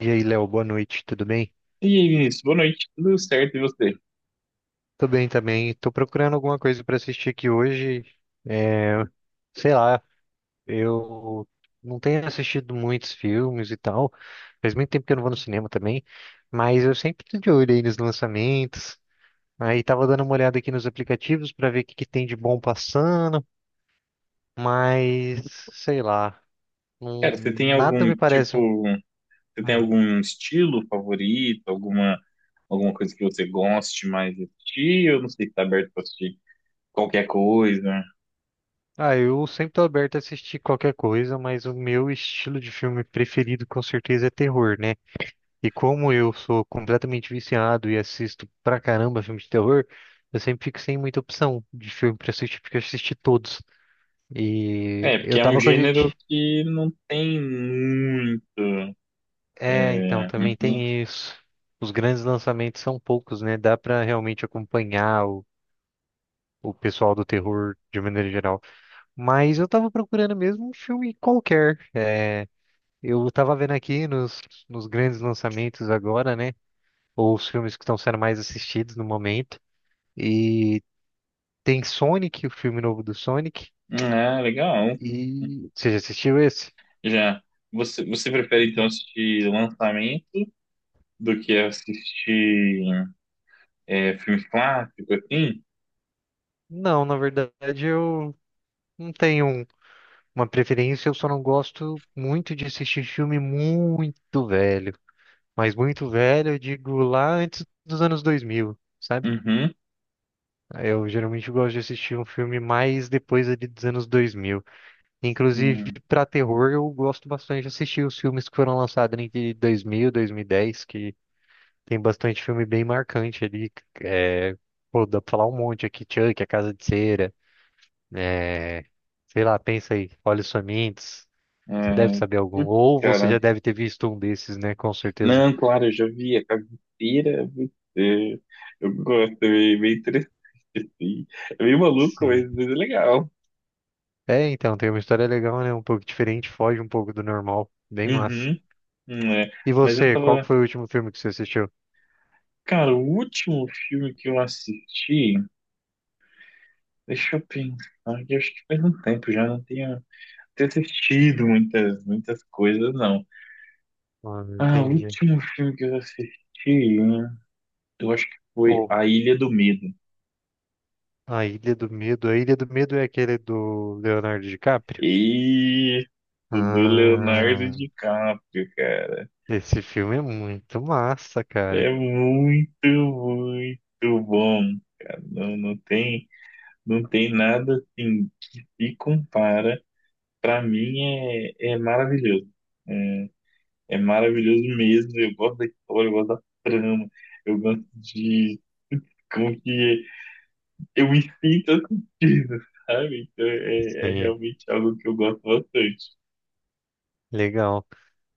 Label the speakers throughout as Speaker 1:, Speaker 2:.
Speaker 1: E aí, Léo, boa noite, tudo bem?
Speaker 2: E aí, Vinícius, boa noite, tudo certo e você?
Speaker 1: Tô bem também. Tô procurando alguma coisa pra assistir aqui hoje. É, sei lá, eu não tenho assistido muitos filmes e tal. Faz muito tempo que eu não vou no cinema também, mas eu sempre tô de olho aí nos lançamentos. Aí tava dando uma olhada aqui nos aplicativos pra ver o que que tem de bom passando, mas sei lá,
Speaker 2: Cara,
Speaker 1: não- nada me parece.
Speaker 2: você tem
Speaker 1: Hum.
Speaker 2: algum estilo favorito, alguma coisa que você goste mais de assistir? Eu não sei se tá aberto pra assistir qualquer coisa.
Speaker 1: Ah, eu sempre tô aberto a assistir qualquer coisa, mas o meu estilo de filme preferido com certeza é terror, né? E como eu sou completamente viciado e assisto pra caramba filme de terror, eu sempre fico sem muita opção de filme pra assistir, porque eu assisti todos. E
Speaker 2: É, porque
Speaker 1: eu
Speaker 2: é um
Speaker 1: tava com a
Speaker 2: gênero
Speaker 1: gente.
Speaker 2: que não tem muito.
Speaker 1: É, então,
Speaker 2: É,
Speaker 1: também
Speaker 2: uhum.
Speaker 1: tem isso. Os grandes lançamentos são poucos, né? Dá pra realmente acompanhar o pessoal do terror de maneira geral. Mas eu tava procurando mesmo um filme qualquer. Eu tava vendo aqui nos grandes lançamentos agora, né? Ou os filmes que estão sendo mais assistidos no momento. E tem Sonic, o filme novo do Sonic.
Speaker 2: Ah, legal.
Speaker 1: E você já assistiu esse?
Speaker 2: Já, você prefere então assistir lançamento do que assistir filme clássico, assim?
Speaker 1: Não, na verdade eu não tenho um- uma preferência, eu só não gosto muito de assistir filme muito velho. Mas muito velho, eu digo lá antes dos anos 2000, sabe?
Speaker 2: Uhum.
Speaker 1: Eu geralmente gosto de assistir um filme mais depois ali dos anos 2000. Inclusive,
Speaker 2: Hum.
Speaker 1: para terror, eu gosto bastante de assistir os filmes que foram lançados entre 2000 e 2010, que tem bastante filme bem marcante ali. É, pô, dá pra falar um monte aqui. Chuck, A Casa de Cera. É, sei lá, pensa aí. Olhos Famintos. Você deve
Speaker 2: Ai,
Speaker 1: saber algum.
Speaker 2: putz,
Speaker 1: Ou você já
Speaker 2: cara.
Speaker 1: deve ter visto um desses, né? Com certeza.
Speaker 2: Não, claro, eu já vi a caveira. Putz, eu gosto, é meio interessante, assim. É meio maluco,
Speaker 1: Sim.
Speaker 2: mas é legal.
Speaker 1: É, então, tem uma história legal, né? Um pouco diferente, foge um pouco do normal. Bem massa.
Speaker 2: Uhum, né?
Speaker 1: E
Speaker 2: Mas eu
Speaker 1: você, qual que
Speaker 2: tava.
Speaker 1: foi o último filme que você assistiu?
Speaker 2: Cara, o último filme que eu assisti, deixa eu pensar, que eu acho que faz um tempo já não tenho assistido muitas coisas, não.
Speaker 1: Ah,
Speaker 2: Ah, o
Speaker 1: entendi.
Speaker 2: último filme que eu assisti, eu acho que foi
Speaker 1: Pô,
Speaker 2: A Ilha do Medo.
Speaker 1: A Ilha do Medo. A Ilha do Medo é aquele do Leonardo DiCaprio?
Speaker 2: E o do Leonardo
Speaker 1: Ah.
Speaker 2: DiCaprio, cara.
Speaker 1: Esse filme é muito massa, cara.
Speaker 2: É muito, muito bom, cara. Não, não tem nada assim que se compara. Pra mim é maravilhoso. É, É maravilhoso mesmo. Eu gosto da história, eu gosto da trama, eu gosto de como que eu me sinto assistindo, sabe? Então é
Speaker 1: Sim,
Speaker 2: realmente algo que eu gosto bastante.
Speaker 1: legal.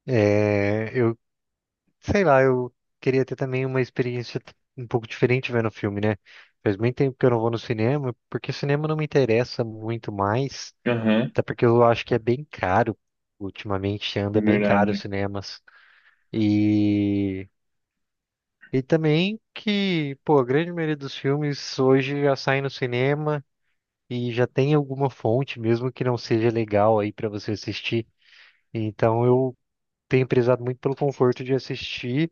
Speaker 1: É, eu, sei lá, eu queria ter também uma um pouco diferente vendo o filme, né? Faz muito tempo que eu não vou no cinema, porque cinema não me interessa muito mais,
Speaker 2: Aham,
Speaker 1: até porque eu acho que é bem caro. Ultimamente
Speaker 2: é
Speaker 1: anda bem caro os
Speaker 2: verdade.
Speaker 1: cinemas. E, e também que, pô, a grande maioria dos filmes hoje já saem no cinema e já tem alguma fonte, mesmo que não seja legal aí pra você assistir. Então eu tenho prezado muito pelo conforto de assistir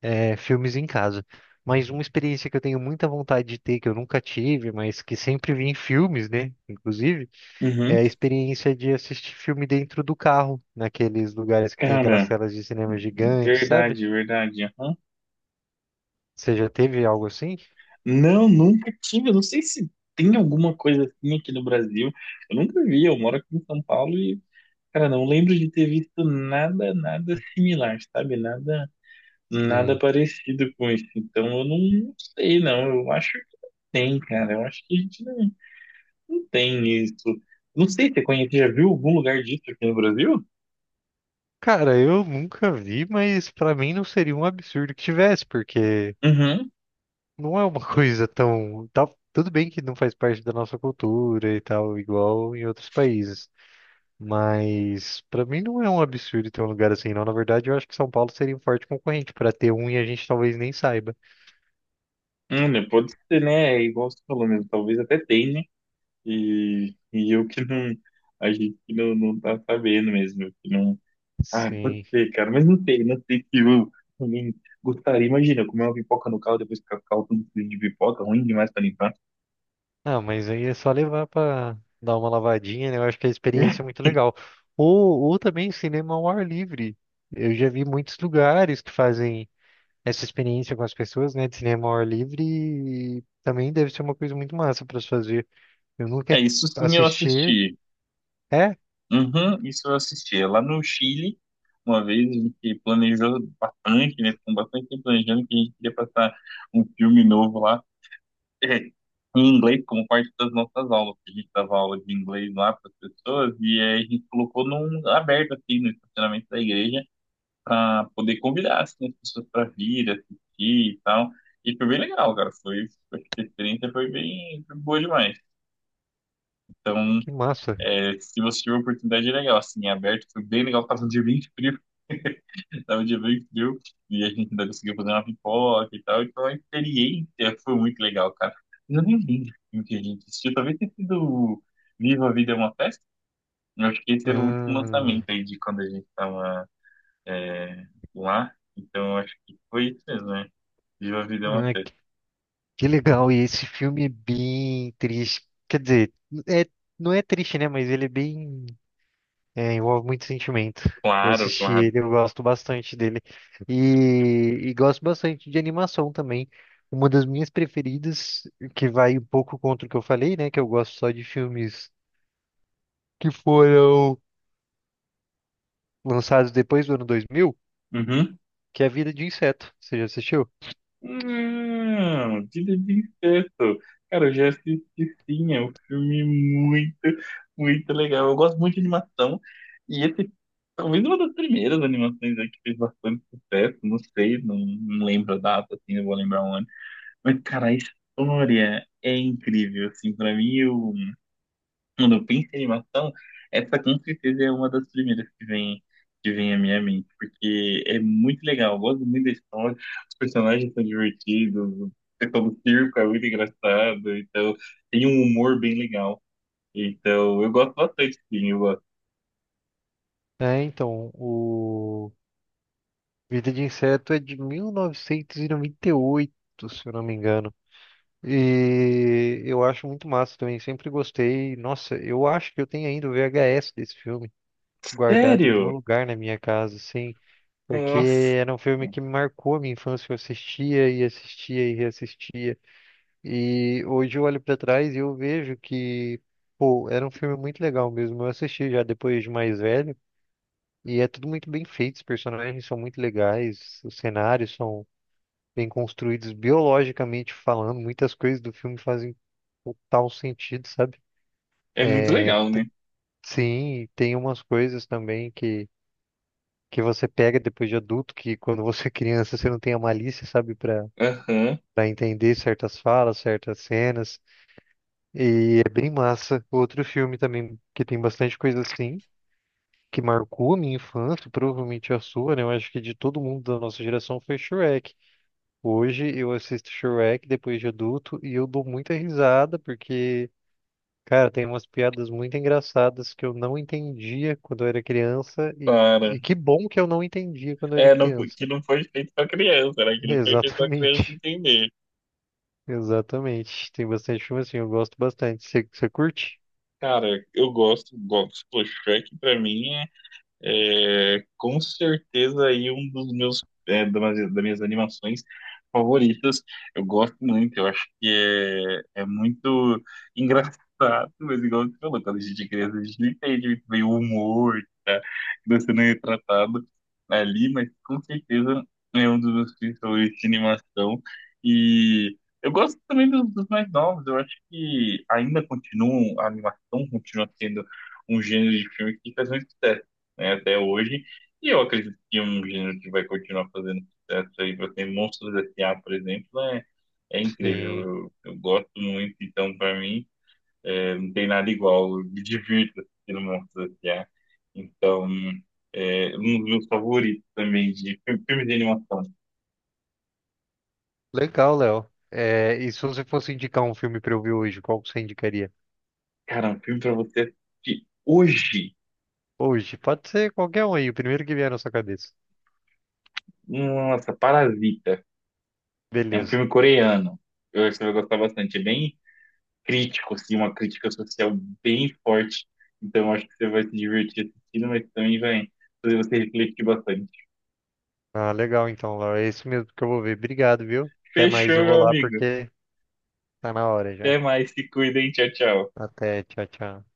Speaker 1: filmes em casa. Mas uma experiência que eu tenho muita vontade de ter, que eu nunca tive, mas que sempre vi em filmes, né? Inclusive, é
Speaker 2: Uhum.
Speaker 1: a experiência de assistir filme dentro do carro, naqueles lugares que tem aquelas
Speaker 2: Cara.
Speaker 1: telas de cinema gigantes, sabe?
Speaker 2: Verdade, verdade. Aham.
Speaker 1: Você já teve algo assim?
Speaker 2: Não, nunca tive. Eu não sei se tem alguma coisa assim aqui no Brasil. Eu nunca vi. Eu moro aqui em São Paulo e, cara, não lembro de ter visto nada, nada similar, sabe? Nada, nada
Speaker 1: Sim.
Speaker 2: parecido com isso. Então, eu não sei, não. Eu acho que não tem, cara. Eu acho que a gente não tem isso. Não sei, você conhece, já viu algum lugar disso aqui no Brasil?
Speaker 1: Cara, eu nunca vi, mas pra mim não seria um absurdo que tivesse, porque
Speaker 2: Uhum.
Speaker 1: não é uma coisa tão. Tudo bem que não faz parte da nossa cultura e tal, igual em outros países. Mas pra mim não é um absurdo ter um lugar assim, não. Na verdade, eu acho que São Paulo seria um forte concorrente pra ter um e a gente talvez nem saiba.
Speaker 2: Olha, pode ser, né? É, igual você falou mesmo, talvez até tenha. E eu que não, a gente que não tá sabendo mesmo, eu que não. Ah, pode
Speaker 1: Sim.
Speaker 2: ser, cara, mas não sei se eu também gostaria. Imagina, eu comer uma pipoca no carro, depois ficar com o carro tudo sujo de pipoca, ruim demais pra limpar.
Speaker 1: Ah, mas aí é só levar pra dar uma lavadinha, né? Eu acho que a experiência é muito legal. Ou também cinema ao ar livre. Eu já vi muitos lugares que fazem essa experiência com as pessoas, né? De cinema ao ar livre e também deve ser uma coisa muito massa para se fazer. Eu nunca
Speaker 2: É, isso sim eu
Speaker 1: assisti.
Speaker 2: assisti.
Speaker 1: É?
Speaker 2: Uhum, isso eu assisti. É, lá no Chile, uma vez a gente planejou bastante, né? Ficou bastante tempo planejando que a gente queria passar um filme novo lá. Em inglês como parte das nossas aulas. Que A gente dava aula de inglês lá para as pessoas e aí a gente colocou num aberto assim no estacionamento da igreja para poder convidar assim as pessoas para vir assistir e tal. E foi bem legal, cara. A experiência foi boa demais. Então,
Speaker 1: Que massa.
Speaker 2: se você tiver a oportunidade, é legal. Assim, é aberto, foi bem legal. Tava de bem frio e a gente ainda conseguiu fazer uma pipoca e tal. Então a experiência foi muito legal, cara. Eu nem lembro o que a gente assistiu. Talvez tenha sido Viva a Vida é uma Festa. Eu acho que esse era o último lançamento
Speaker 1: Hum,
Speaker 2: aí de quando a gente tava é, lá. Então eu acho que foi isso mesmo, né? Viva a Vida é uma
Speaker 1: ah,
Speaker 2: Festa.
Speaker 1: que legal. E esse filme é bem triste. Quer dizer, é, não é triste, né? Mas ele é bem. É, envolve muito sentimento. Vou
Speaker 2: Claro,
Speaker 1: assistir
Speaker 2: claro.
Speaker 1: ele, eu gosto bastante dele. E, e gosto bastante de animação também. Uma das minhas preferidas, que vai um pouco contra o que eu falei, né? Que eu gosto só de filmes que foram lançados depois do ano 2000,
Speaker 2: Uhum.
Speaker 1: que é A Vida de Inseto. Você já assistiu?
Speaker 2: Não, Vida de Incesto. Cara, eu já assisti sim, é um filme muito, muito legal. Eu gosto muito de animação. E esse, talvez uma das primeiras animações, né, que fez bastante sucesso, não sei, não lembro a data, assim, não vou lembrar o ano. Mas, cara, a história é incrível, assim, pra mim, eu quando eu penso em animação, essa com certeza é uma das primeiras que vem à minha mente, porque é muito legal, eu gosto muito da história, os personagens são divertidos, o pessoal do circo é muito engraçado, então tem um humor bem legal. Então eu gosto bastante, sim, eu gosto.
Speaker 1: É, então, o Vida de Inseto é de 1998, se eu não me engano. E eu acho muito massa também, sempre gostei. Nossa, eu acho que eu tenho ainda o VHS desse filme guardado em algum
Speaker 2: Sério?
Speaker 1: lugar na minha casa, assim, porque
Speaker 2: Nossa,
Speaker 1: era um filme que me marcou a minha infância, eu assistia e assistia e reassistia. E hoje eu olho pra trás e eu vejo que, pô, era um filme muito legal mesmo. Eu assisti já depois de mais velho. E é tudo muito bem feito, os personagens são muito legais, os cenários são bem construídos biologicamente falando, muitas coisas do filme fazem total sentido, sabe?
Speaker 2: é muito
Speaker 1: É,
Speaker 2: legal, né?
Speaker 1: sim, e tem umas coisas também que você pega depois de adulto, que quando você é criança você não tem a malícia, sabe,
Speaker 2: Aham,
Speaker 1: para entender certas falas, certas cenas. E é bem massa. Outro filme também que tem bastante coisa assim, que marcou a minha infância, provavelmente a sua, né? Eu acho que de todo mundo da nossa geração foi Shrek. Hoje eu assisto Shrek depois de adulto e eu dou muita risada porque, cara, tem umas piadas muito engraçadas que eu não entendia quando eu era criança
Speaker 2: para.
Speaker 1: e que bom que eu não entendia quando eu era
Speaker 2: É, não, que
Speaker 1: criança.
Speaker 2: não foi feito pra criança, né? Que não foi feito pra criança
Speaker 1: Exatamente,
Speaker 2: entender.
Speaker 1: exatamente. Tem bastante filme assim, eu gosto bastante. Você curte?
Speaker 2: Cara, eu gosto, gosto. Pô, Shrek pra mim é, com certeza aí um dos meus, das minhas animações favoritas. Eu gosto muito, eu acho que é muito engraçado, mas igual você falou, quando a gente é criança, a gente não entende muito bem o humor que tá sendo retratado ali, mas com certeza é um dos meus filmes favoritos de animação. E eu gosto também dos mais novos, eu acho que ainda continuam, a animação continua sendo um gênero de filme que faz muito sucesso, né, até hoje. E eu acredito que é um gênero que vai continuar fazendo sucesso aí para ter Monstros S.A., por exemplo, é incrível.
Speaker 1: Sim.
Speaker 2: Eu gosto muito, então para mim não tem nada igual. Eu me divirto assistindo Monstros S.A. Então é um dos meus favoritos também filme de animação.
Speaker 1: Legal, Léo. É, e se você fosse indicar um filme pra eu ver hoje, qual que você indicaria?
Speaker 2: Cara, um filme para você assistir hoje.
Speaker 1: Hoje, pode ser qualquer um aí, o primeiro que vier na sua cabeça.
Speaker 2: Nossa, Parasita. É um
Speaker 1: Beleza.
Speaker 2: filme coreano. Eu acho que você vai gostar bastante. É bem crítico, assim, uma crítica social bem forte. Então, acho que você vai se divertir assistindo, mas também vai fazer você refletir bastante.
Speaker 1: Ah, legal então, Laura. É isso mesmo que eu vou ver. Obrigado, viu? Até mais,
Speaker 2: Fechou,
Speaker 1: eu vou
Speaker 2: meu
Speaker 1: lá
Speaker 2: amigo.
Speaker 1: porque tá na hora já.
Speaker 2: Até mais, se cuidem, tchau, tchau.
Speaker 1: Até, tchau, tchau.